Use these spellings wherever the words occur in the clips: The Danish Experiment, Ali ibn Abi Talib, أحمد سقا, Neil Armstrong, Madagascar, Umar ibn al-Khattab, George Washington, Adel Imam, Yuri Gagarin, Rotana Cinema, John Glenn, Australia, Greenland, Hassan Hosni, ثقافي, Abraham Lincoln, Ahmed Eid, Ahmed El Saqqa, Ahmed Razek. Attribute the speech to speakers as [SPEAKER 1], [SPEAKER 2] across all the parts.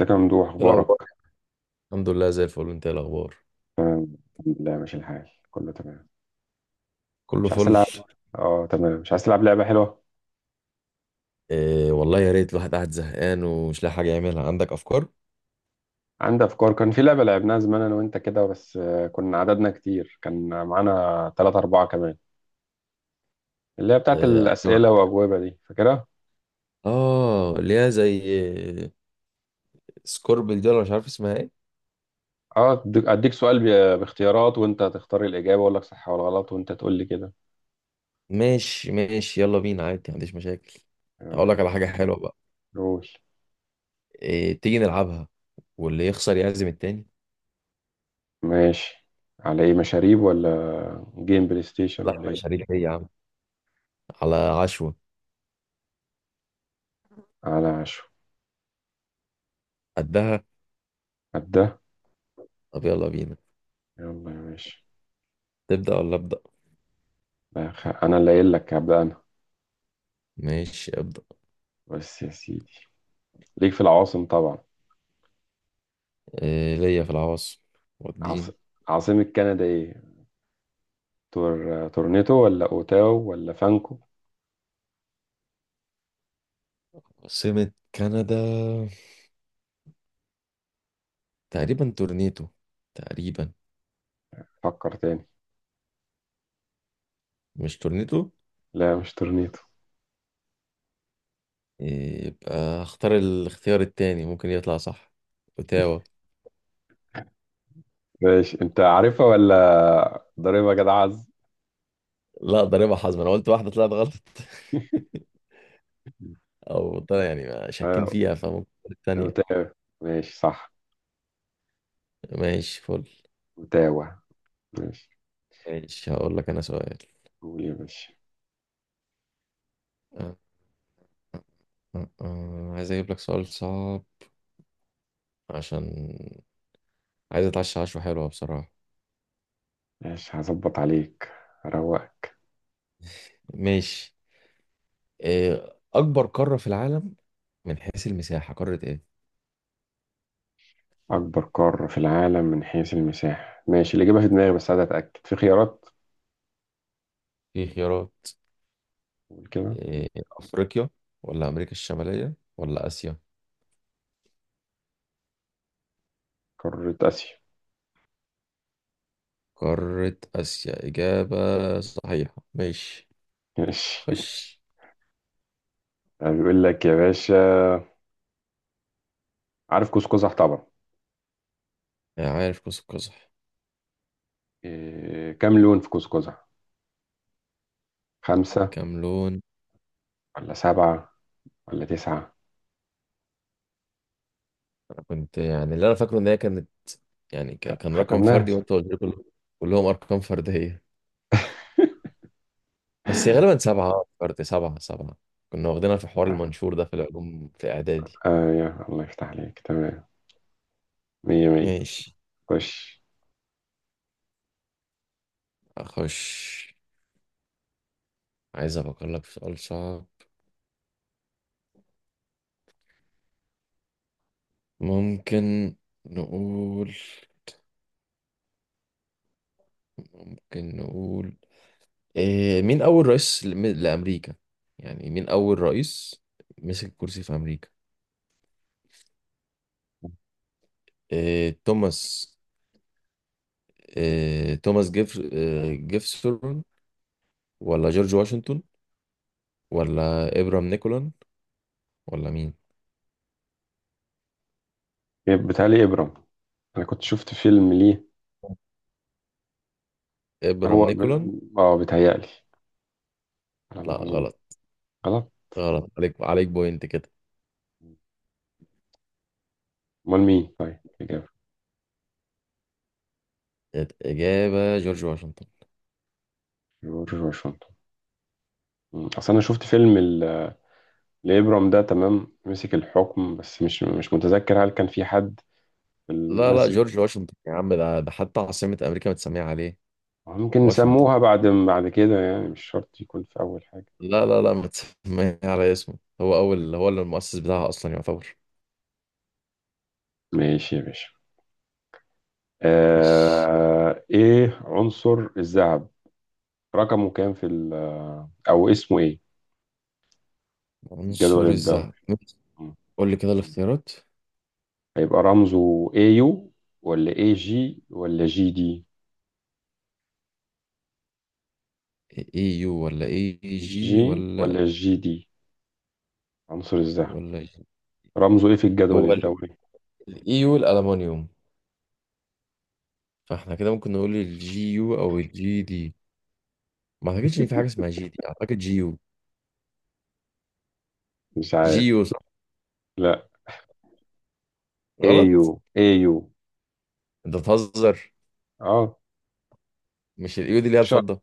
[SPEAKER 1] ازيك يا ممدوح
[SPEAKER 2] ايه
[SPEAKER 1] اخبارك؟
[SPEAKER 2] الاخبار؟ الحمد لله زي الفل. انت ايه الاخبار؟
[SPEAKER 1] تمام الحمد لله ماشي الحال كله تمام.
[SPEAKER 2] كله
[SPEAKER 1] مش عايز
[SPEAKER 2] فل.
[SPEAKER 1] تلعب؟ اه تمام، مش عايز تلعب لعبه حلوه.
[SPEAKER 2] إيه والله، يا ريت، الواحد قاعد زهقان ومش لاقي حاجه يعملها. عندك افكار؟
[SPEAKER 1] عندي افكار، كان في لعبه لعبناها زمان انا وانت كده، بس كنا عددنا كتير، كان معانا ثلاثة أربعة كمان. اللي هي بتاعت
[SPEAKER 2] إيه، ايوه.
[SPEAKER 1] الاسئله واجوبه دي، فاكرها؟
[SPEAKER 2] اه، اللي هي زي سكوربل دي، ولا مش عارف اسمها ايه.
[SPEAKER 1] اه، اديك سؤال باختيارات وانت تختار الاجابه، واقول لك صح ولا غلط وانت تقول لي كده.
[SPEAKER 2] ماشي ماشي، يلا بينا، عادي، ما عنديش مشاكل. هقول
[SPEAKER 1] آه،
[SPEAKER 2] لك على حاجه حلوه بقى.
[SPEAKER 1] قول.
[SPEAKER 2] إيه، تيجي نلعبها؟ واللي يخسر يعزم التاني.
[SPEAKER 1] ماشي، على ايه؟ مشاريب ولا جيم بلاي ستيشن ولا
[SPEAKER 2] لحمه
[SPEAKER 1] ايه؟
[SPEAKER 2] شريف ايه يا عم. على عشوه.
[SPEAKER 1] على عشو؟
[SPEAKER 2] قدها.
[SPEAKER 1] قد ده.
[SPEAKER 2] طب يلا بينا.
[SPEAKER 1] يلا يا باشا.
[SPEAKER 2] تبدا ولا ابدا؟
[SPEAKER 1] انا اللي قايل لك، هبدأ انا.
[SPEAKER 2] ماشي، ابدا.
[SPEAKER 1] بس يا سيدي، ليك في العواصم طبعا.
[SPEAKER 2] إيه ليا في العواصم؟
[SPEAKER 1] عاص...
[SPEAKER 2] والدين.
[SPEAKER 1] عاصمة كندا ايه؟ تورنيتو ولا اوتاو ولا فانكو؟
[SPEAKER 2] عاصمه كندا تقريبا تورنيتو. تقريبا.
[SPEAKER 1] فكر تاني.
[SPEAKER 2] مش تورنيتو.
[SPEAKER 1] لا مش تورنيتو.
[SPEAKER 2] يبقى اختار الاختيار التاني، ممكن يطلع صح. اوتاوا.
[SPEAKER 1] ماشي، انت عارفها ولا ضريبة يا جدع عز؟
[SPEAKER 2] لا، ده ربع حظ، ما انا قلت واحده طلعت غلط. او طلع يعني شاكين
[SPEAKER 1] آه،
[SPEAKER 2] فيها، فممكن الثانيه.
[SPEAKER 1] اوتاو. ماشي صح.
[SPEAKER 2] ماشي، فل.
[SPEAKER 1] اوتاوا. ماشي،
[SPEAKER 2] ماشي، هقول لك انا سؤال.
[SPEAKER 1] قول يا باشا.
[SPEAKER 2] أه أه أه. عايز اجيب لك سؤال صعب، عشان عايز اتعشى عشوه حلوه بصراحه.
[SPEAKER 1] ماشي هظبط عليك، هروقك.
[SPEAKER 2] ماشي. إيه اكبر قاره في العالم من حيث المساحه؟ قاره ايه؟
[SPEAKER 1] اكبر قارة في العالم من حيث المساحة؟ ماشي، اللي جابها في دماغي، بس عايز اتاكد، في خيارات؟
[SPEAKER 2] في خيارات.
[SPEAKER 1] قول كده.
[SPEAKER 2] أفريقيا ولا أمريكا الشمالية ولا آسيا.
[SPEAKER 1] قارة اسيا.
[SPEAKER 2] قارة آسيا إجابة صحيحة. ماشي.
[SPEAKER 1] ماشي.
[SPEAKER 2] خش.
[SPEAKER 1] بيقول لك يا باشا، عارف كوز قزح طبعا؟
[SPEAKER 2] آه، عارف قوس قزح.
[SPEAKER 1] إيه كام لون في كوز قزح؟ خمسة
[SPEAKER 2] كام لون؟
[SPEAKER 1] ولا سبعة ولا تسعة؟
[SPEAKER 2] أنا كنت يعني اللي أنا فاكره إن هي كانت يعني كان رقم
[SPEAKER 1] خدناها
[SPEAKER 2] فردي، وأنت قلت لي كلهم أرقام فردية، بس هي غالبا سبعة. فرد سبعة سبعة. كنا واخدينها في حوار المنشور ده، في العلوم في إعدادي.
[SPEAKER 1] آه يا الله يفتح عليك، تمام، مية مية.
[SPEAKER 2] ماشي.
[SPEAKER 1] خش.
[SPEAKER 2] أخش. عايز أفكر لك في سؤال صعب. ممكن نقول ممكن نقول مين أول رئيس لأمريكا؟ يعني مين أول رئيس مسك الكرسي في أمريكا؟ إيه، توماس إيه، توماس جيف إيه، جيفسون، ولا جورج واشنطن، ولا إبرام نيكولن، ولا مين؟
[SPEAKER 1] إيه، بيتهيألي إبرام. أنا كنت شفت فيلم ليه. هو
[SPEAKER 2] إبرام نيكولن.
[SPEAKER 1] ب... آه بيتهيألي على
[SPEAKER 2] لا،
[SPEAKER 1] ما أظن.
[SPEAKER 2] غلط.
[SPEAKER 1] غلط؟
[SPEAKER 2] غلط عليك بوينت كده.
[SPEAKER 1] أمال مين طيب الإجابة؟
[SPEAKER 2] الإجابة جورج واشنطن.
[SPEAKER 1] جورج واشنطن. مم. أصل أنا شفت فيلم لإبرام ده، تمام مسك الحكم، بس مش متذكر هل كان في حد.
[SPEAKER 2] لا لا، جورج واشنطن يا عم، ده حتى عاصمة أمريكا متسمية عليه.
[SPEAKER 1] ممكن
[SPEAKER 2] واشنطن.
[SPEAKER 1] نسموها بعد، بعد كده يعني، مش شرط يكون في أول حاجة.
[SPEAKER 2] لا لا لا، متسمية على اسمه. هو أول، هو اللي المؤسس بتاعها أصلا يعتبر.
[SPEAKER 1] ماشي يا باشا.
[SPEAKER 2] ماشي.
[SPEAKER 1] آه، إيه عنصر الذهب؟ رقمه كام في أو اسمه إيه في
[SPEAKER 2] عنصر
[SPEAKER 1] الجدول الدوري؟
[SPEAKER 2] الذهب، ماشي.
[SPEAKER 1] مم.
[SPEAKER 2] قول لي كده الاختيارات.
[SPEAKER 1] هيبقى رمزه AU ولا AG ولا جي دي؟
[SPEAKER 2] اي يو، ولا اي جي،
[SPEAKER 1] جي
[SPEAKER 2] ولا
[SPEAKER 1] ولا جي دي؟ عنصر الذهب
[SPEAKER 2] ولا جي؟
[SPEAKER 1] رمزه إيه في الجدول
[SPEAKER 2] هو الاي
[SPEAKER 1] الدوري؟
[SPEAKER 2] يو الالومنيوم، فاحنا كده ممكن نقول الجي يو او الجي دي. ما اعتقدش ان في حاجه اسمها جي دي، اعتقد جي يو.
[SPEAKER 1] مش
[SPEAKER 2] جي
[SPEAKER 1] عارف؟
[SPEAKER 2] يو صح؟
[SPEAKER 1] لا،
[SPEAKER 2] غلط.
[SPEAKER 1] AU. AU.
[SPEAKER 2] انت بتهزر.
[SPEAKER 1] اه.
[SPEAKER 2] مش الاي يو دي اللي هي الفضه؟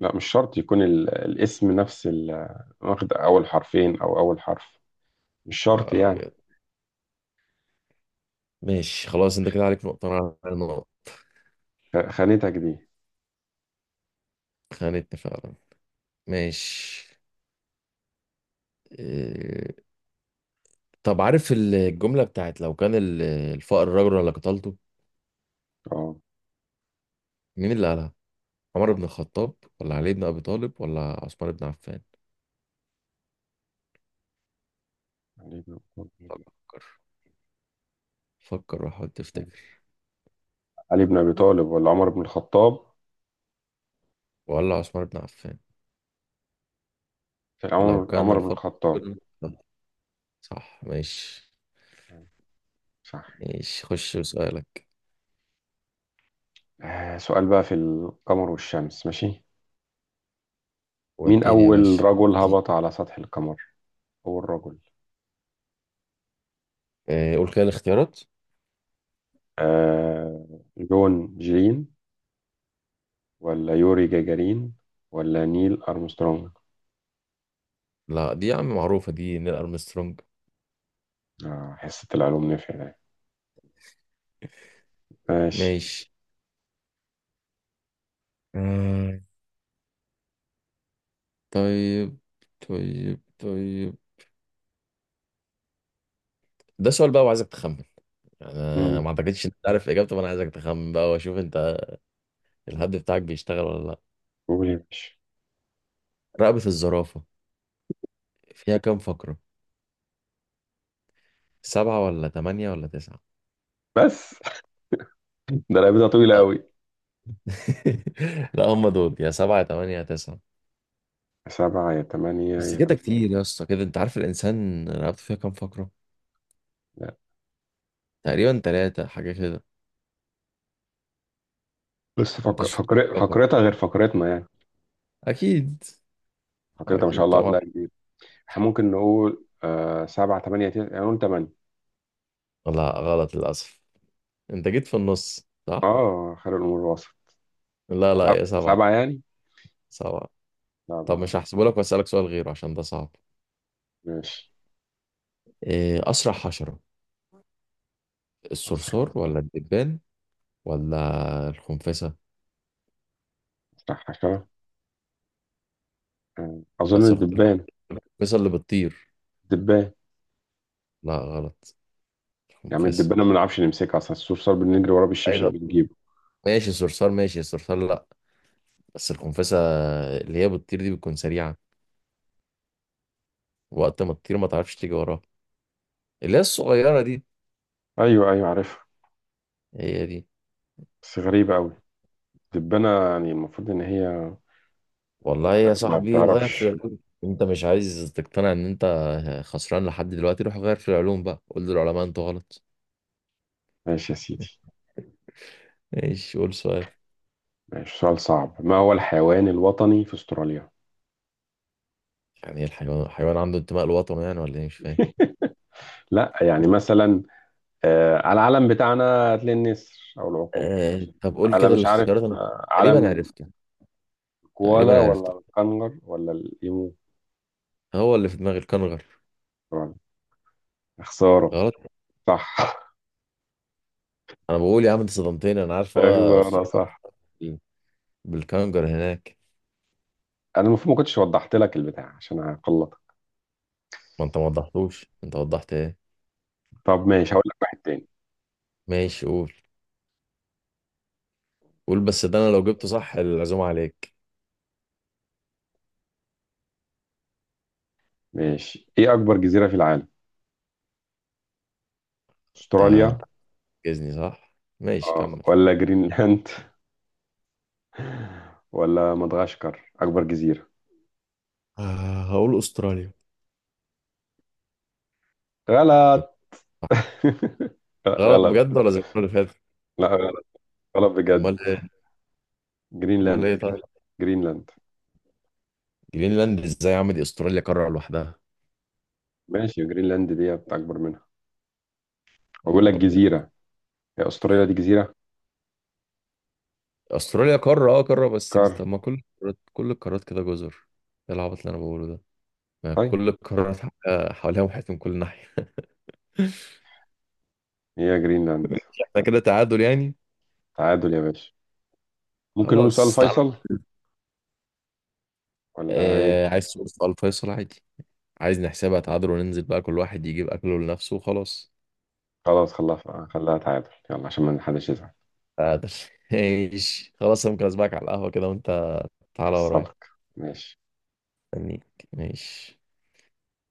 [SPEAKER 1] لا مش شرط يكون الاسم نفس واخد أول حرفين أو أول حرف، مش
[SPEAKER 2] يا
[SPEAKER 1] شرط
[SPEAKER 2] نهار
[SPEAKER 1] يعني.
[SPEAKER 2] ابيض. ماشي خلاص، انت كده عليك نقطه، انا على نقطه.
[SPEAKER 1] خانتك دي.
[SPEAKER 2] خانتني فعلا. ماشي. إيه، طب عارف الجمله بتاعت لو كان الفقر رجل لقتلته؟
[SPEAKER 1] اه.
[SPEAKER 2] مين اللي قالها؟ عمر بن الخطاب، ولا علي بن أبي طالب، ولا عثمان بن عفان؟
[SPEAKER 1] علي بن أبي طالب.
[SPEAKER 2] فكر فكر وحاول تفتكر.
[SPEAKER 1] علي بن أبي طالب ولا عمر بن الخطاب؟
[SPEAKER 2] ولا عثمان بن عفان. لو كان
[SPEAKER 1] عمر بن
[SPEAKER 2] الفضل.
[SPEAKER 1] الخطاب.
[SPEAKER 2] صح. ماشي.
[SPEAKER 1] صح.
[SPEAKER 2] ماشي، خش بسؤالك.
[SPEAKER 1] آه سؤال بقى في القمر والشمس، ماشي؟ مين
[SPEAKER 2] وديني يا
[SPEAKER 1] أول
[SPEAKER 2] باشا
[SPEAKER 1] رجل
[SPEAKER 2] وديني.
[SPEAKER 1] هبط على سطح القمر؟ أول رجل.
[SPEAKER 2] آه، قول كده الاختيارات.
[SPEAKER 1] آه، جون جلين ولا يوري جاجارين ولا نيل أرمسترونج؟
[SPEAKER 2] لا، دي يا عم معروفة، دي نيل أرمسترونج.
[SPEAKER 1] آه، حصة العلوم نفع ده. ماشي.
[SPEAKER 2] ماشي. آه، طيب. طيب طيب. ده سؤال بقى وعايزك تخمن، يعني أنا ما اعتقدش انت عارف اجابته، فانا عايزك تخمن بقى واشوف انت الهد بتاعك بيشتغل ولا لا.
[SPEAKER 1] قول يا باشا.
[SPEAKER 2] رقبة الزرافة فيها كام فقرة؟ سبعة ولا تمانية ولا تسعة؟
[SPEAKER 1] بس ده لعبتها طويلة أوي.
[SPEAKER 2] لا، هم دول، يا سبعة يا تمانية يا تسعة.
[SPEAKER 1] سبعة يا تمانية
[SPEAKER 2] بس
[SPEAKER 1] يا
[SPEAKER 2] كده
[SPEAKER 1] تسعة.
[SPEAKER 2] كتير يا اسطى. كده انت عارف الانسان رقبته فيها كام فقرة؟
[SPEAKER 1] لا.
[SPEAKER 2] تقريبا تلاتة حاجة كده.
[SPEAKER 1] بس
[SPEAKER 2] انت شوف الرقم.
[SPEAKER 1] فقرتها غير فقرتنا يعني.
[SPEAKER 2] اكيد.
[SPEAKER 1] فقرتها ما شاء
[SPEAKER 2] اكيد
[SPEAKER 1] الله
[SPEAKER 2] طبعا.
[SPEAKER 1] هتلاقي كبير. احنا ممكن نقول آه سبعة تمانية تسعة، يعني نقول تمانية.
[SPEAKER 2] لا، غلط للاسف. انت جيت في النص، صح؟
[SPEAKER 1] اه، خير الأمور وسط.
[SPEAKER 2] لا لا، يا سبعة.
[SPEAKER 1] سبعة يعني.
[SPEAKER 2] سبعة. طب
[SPEAKER 1] سبعة.
[SPEAKER 2] مش هحسبه لك، واسالك سؤال غيره عشان ده صعب.
[SPEAKER 1] ماشي.
[SPEAKER 2] اسرع حشرة، الصرصور
[SPEAKER 1] أسرع،
[SPEAKER 2] ولا الدبان ولا الخنفسة؟
[SPEAKER 1] أسرع حاجة؟ أظن
[SPEAKER 2] بس
[SPEAKER 1] الدبان.
[SPEAKER 2] الخنفسة اللي بتطير.
[SPEAKER 1] الدبان
[SPEAKER 2] لا، غلط.
[SPEAKER 1] يعني،
[SPEAKER 2] الخنفسة.
[SPEAKER 1] الدبانة ما بنعرفش نمسكها أصلا، السور صار بنجري وراه
[SPEAKER 2] عايز.
[SPEAKER 1] بالشبشب بنجيبه.
[SPEAKER 2] ماشي الصرصار، ماشي الصرصار، لا. بس الخنفسة اللي هي بتطير دي بتكون سريعة، وقت ما تطير ما تعرفش تيجي وراها. اللي هي الصغيرة دي.
[SPEAKER 1] أيوه أيوه عارفها،
[SPEAKER 2] هي دي.
[SPEAKER 1] بس غريبة أوي. الدبانة يعني المفروض إن هي
[SPEAKER 2] والله يا
[SPEAKER 1] ما
[SPEAKER 2] صاحبي غير في
[SPEAKER 1] بتعرفش.
[SPEAKER 2] العلوم. انت مش عايز تقتنع ان انت خسران لحد دلوقتي، روح غير في العلوم بقى، قول للعلماء انتوا غلط.
[SPEAKER 1] ماشي يا سيدي.
[SPEAKER 2] ماشي، قول سؤال.
[SPEAKER 1] ماشي، سؤال صعب، ما هو الحيوان الوطني في استراليا؟
[SPEAKER 2] يعني ايه الحيوان؟ عنده انتماء لوطنه يعني، ولا ايه، مش فاهم.
[SPEAKER 1] لا، يعني مثلا على العلم بتاعنا هتلاقي النسر او العقاب.
[SPEAKER 2] آه، طب قول
[SPEAKER 1] على،
[SPEAKER 2] كده
[SPEAKER 1] مش عارف،
[SPEAKER 2] الاختيارات انا.
[SPEAKER 1] آه،
[SPEAKER 2] تقريبا
[SPEAKER 1] علم.
[SPEAKER 2] عرفته
[SPEAKER 1] كوالا
[SPEAKER 2] تقريبا عرفته.
[SPEAKER 1] ولا الكنغر ولا الايمو؟
[SPEAKER 2] هو اللي في دماغي الكنغر.
[SPEAKER 1] استراليا. خسارة،
[SPEAKER 2] غلط؟
[SPEAKER 1] صح.
[SPEAKER 2] انا بقول يا عم، انت صدمتني، انا عارف هو
[SPEAKER 1] خسارة،
[SPEAKER 2] استراليا
[SPEAKER 1] صح.
[SPEAKER 2] بالكانجر هناك.
[SPEAKER 1] انا المفروض ما كنتش وضحت لك البتاع، عشان هقلطك.
[SPEAKER 2] ما انت ما وضحتوش، انت وضحت ايه.
[SPEAKER 1] طب ماشي، هقول لك واحد تاني.
[SPEAKER 2] ماشي، قول. قول بس، ده انا لو جبته صح العزومه عليك.
[SPEAKER 1] ماشي، ايه اكبر جزيرة في العالم؟
[SPEAKER 2] انت
[SPEAKER 1] استراليا؟
[SPEAKER 2] انت عاجزني صح. ماشي،
[SPEAKER 1] آه،
[SPEAKER 2] كمل.
[SPEAKER 1] ولا جرينلاند ولا مدغشقر؟ اكبر جزيرة.
[SPEAKER 2] آه، هقول استراليا.
[SPEAKER 1] غلط.
[SPEAKER 2] صح؟
[SPEAKER 1] لا
[SPEAKER 2] غلط
[SPEAKER 1] غلط.
[SPEAKER 2] بجد، ولا زي المره اللي فاتت؟
[SPEAKER 1] لا غلط، غلط بجد.
[SPEAKER 2] امال ايه؟ امال
[SPEAKER 1] جرينلاند.
[SPEAKER 2] ايه؟ طيب.
[SPEAKER 1] جرينلاند.
[SPEAKER 2] جرينلاند ازاي يا عم؟ دي استراليا قاره لوحدها.
[SPEAKER 1] ماشي، جرينلاند دي اكبر منها.
[SPEAKER 2] يا
[SPEAKER 1] بقول
[SPEAKER 2] نهار
[SPEAKER 1] لك
[SPEAKER 2] ابيض.
[SPEAKER 1] جزيرة، هي استراليا دي جزيرة؟
[SPEAKER 2] استراليا قاره، قاره، بس
[SPEAKER 1] كار.
[SPEAKER 2] طب ما كل القارات، كل القارات كده جزر. ايه العبط اللي انا بقوله ده. ما
[SPEAKER 1] طيب.
[SPEAKER 2] كل القارات حواليها محيط من كل ناحيه.
[SPEAKER 1] هي جرينلاند.
[SPEAKER 2] احنا كده تعادل يعني.
[SPEAKER 1] تعادل يا باشا. ممكن نقول سؤال
[SPEAKER 2] خلاص، تعالى.
[SPEAKER 1] فيصل ولا ايه؟
[SPEAKER 2] آه، عايز تقول سؤال فيصل عادي. عايز نحسبها تعادل وننزل بقى كل واحد يجيب اكله لنفسه وخلاص.
[SPEAKER 1] خلاص خلاها خلاها تعادل، يلا عشان ما حدش يزعل.
[SPEAKER 2] تعادل. ماشي، خلاص. أنا ممكن اسبقك على القهوة كده وانت تعالى ورايا.
[SPEAKER 1] حصلك. ماشي.
[SPEAKER 2] مستنيك. ماشي.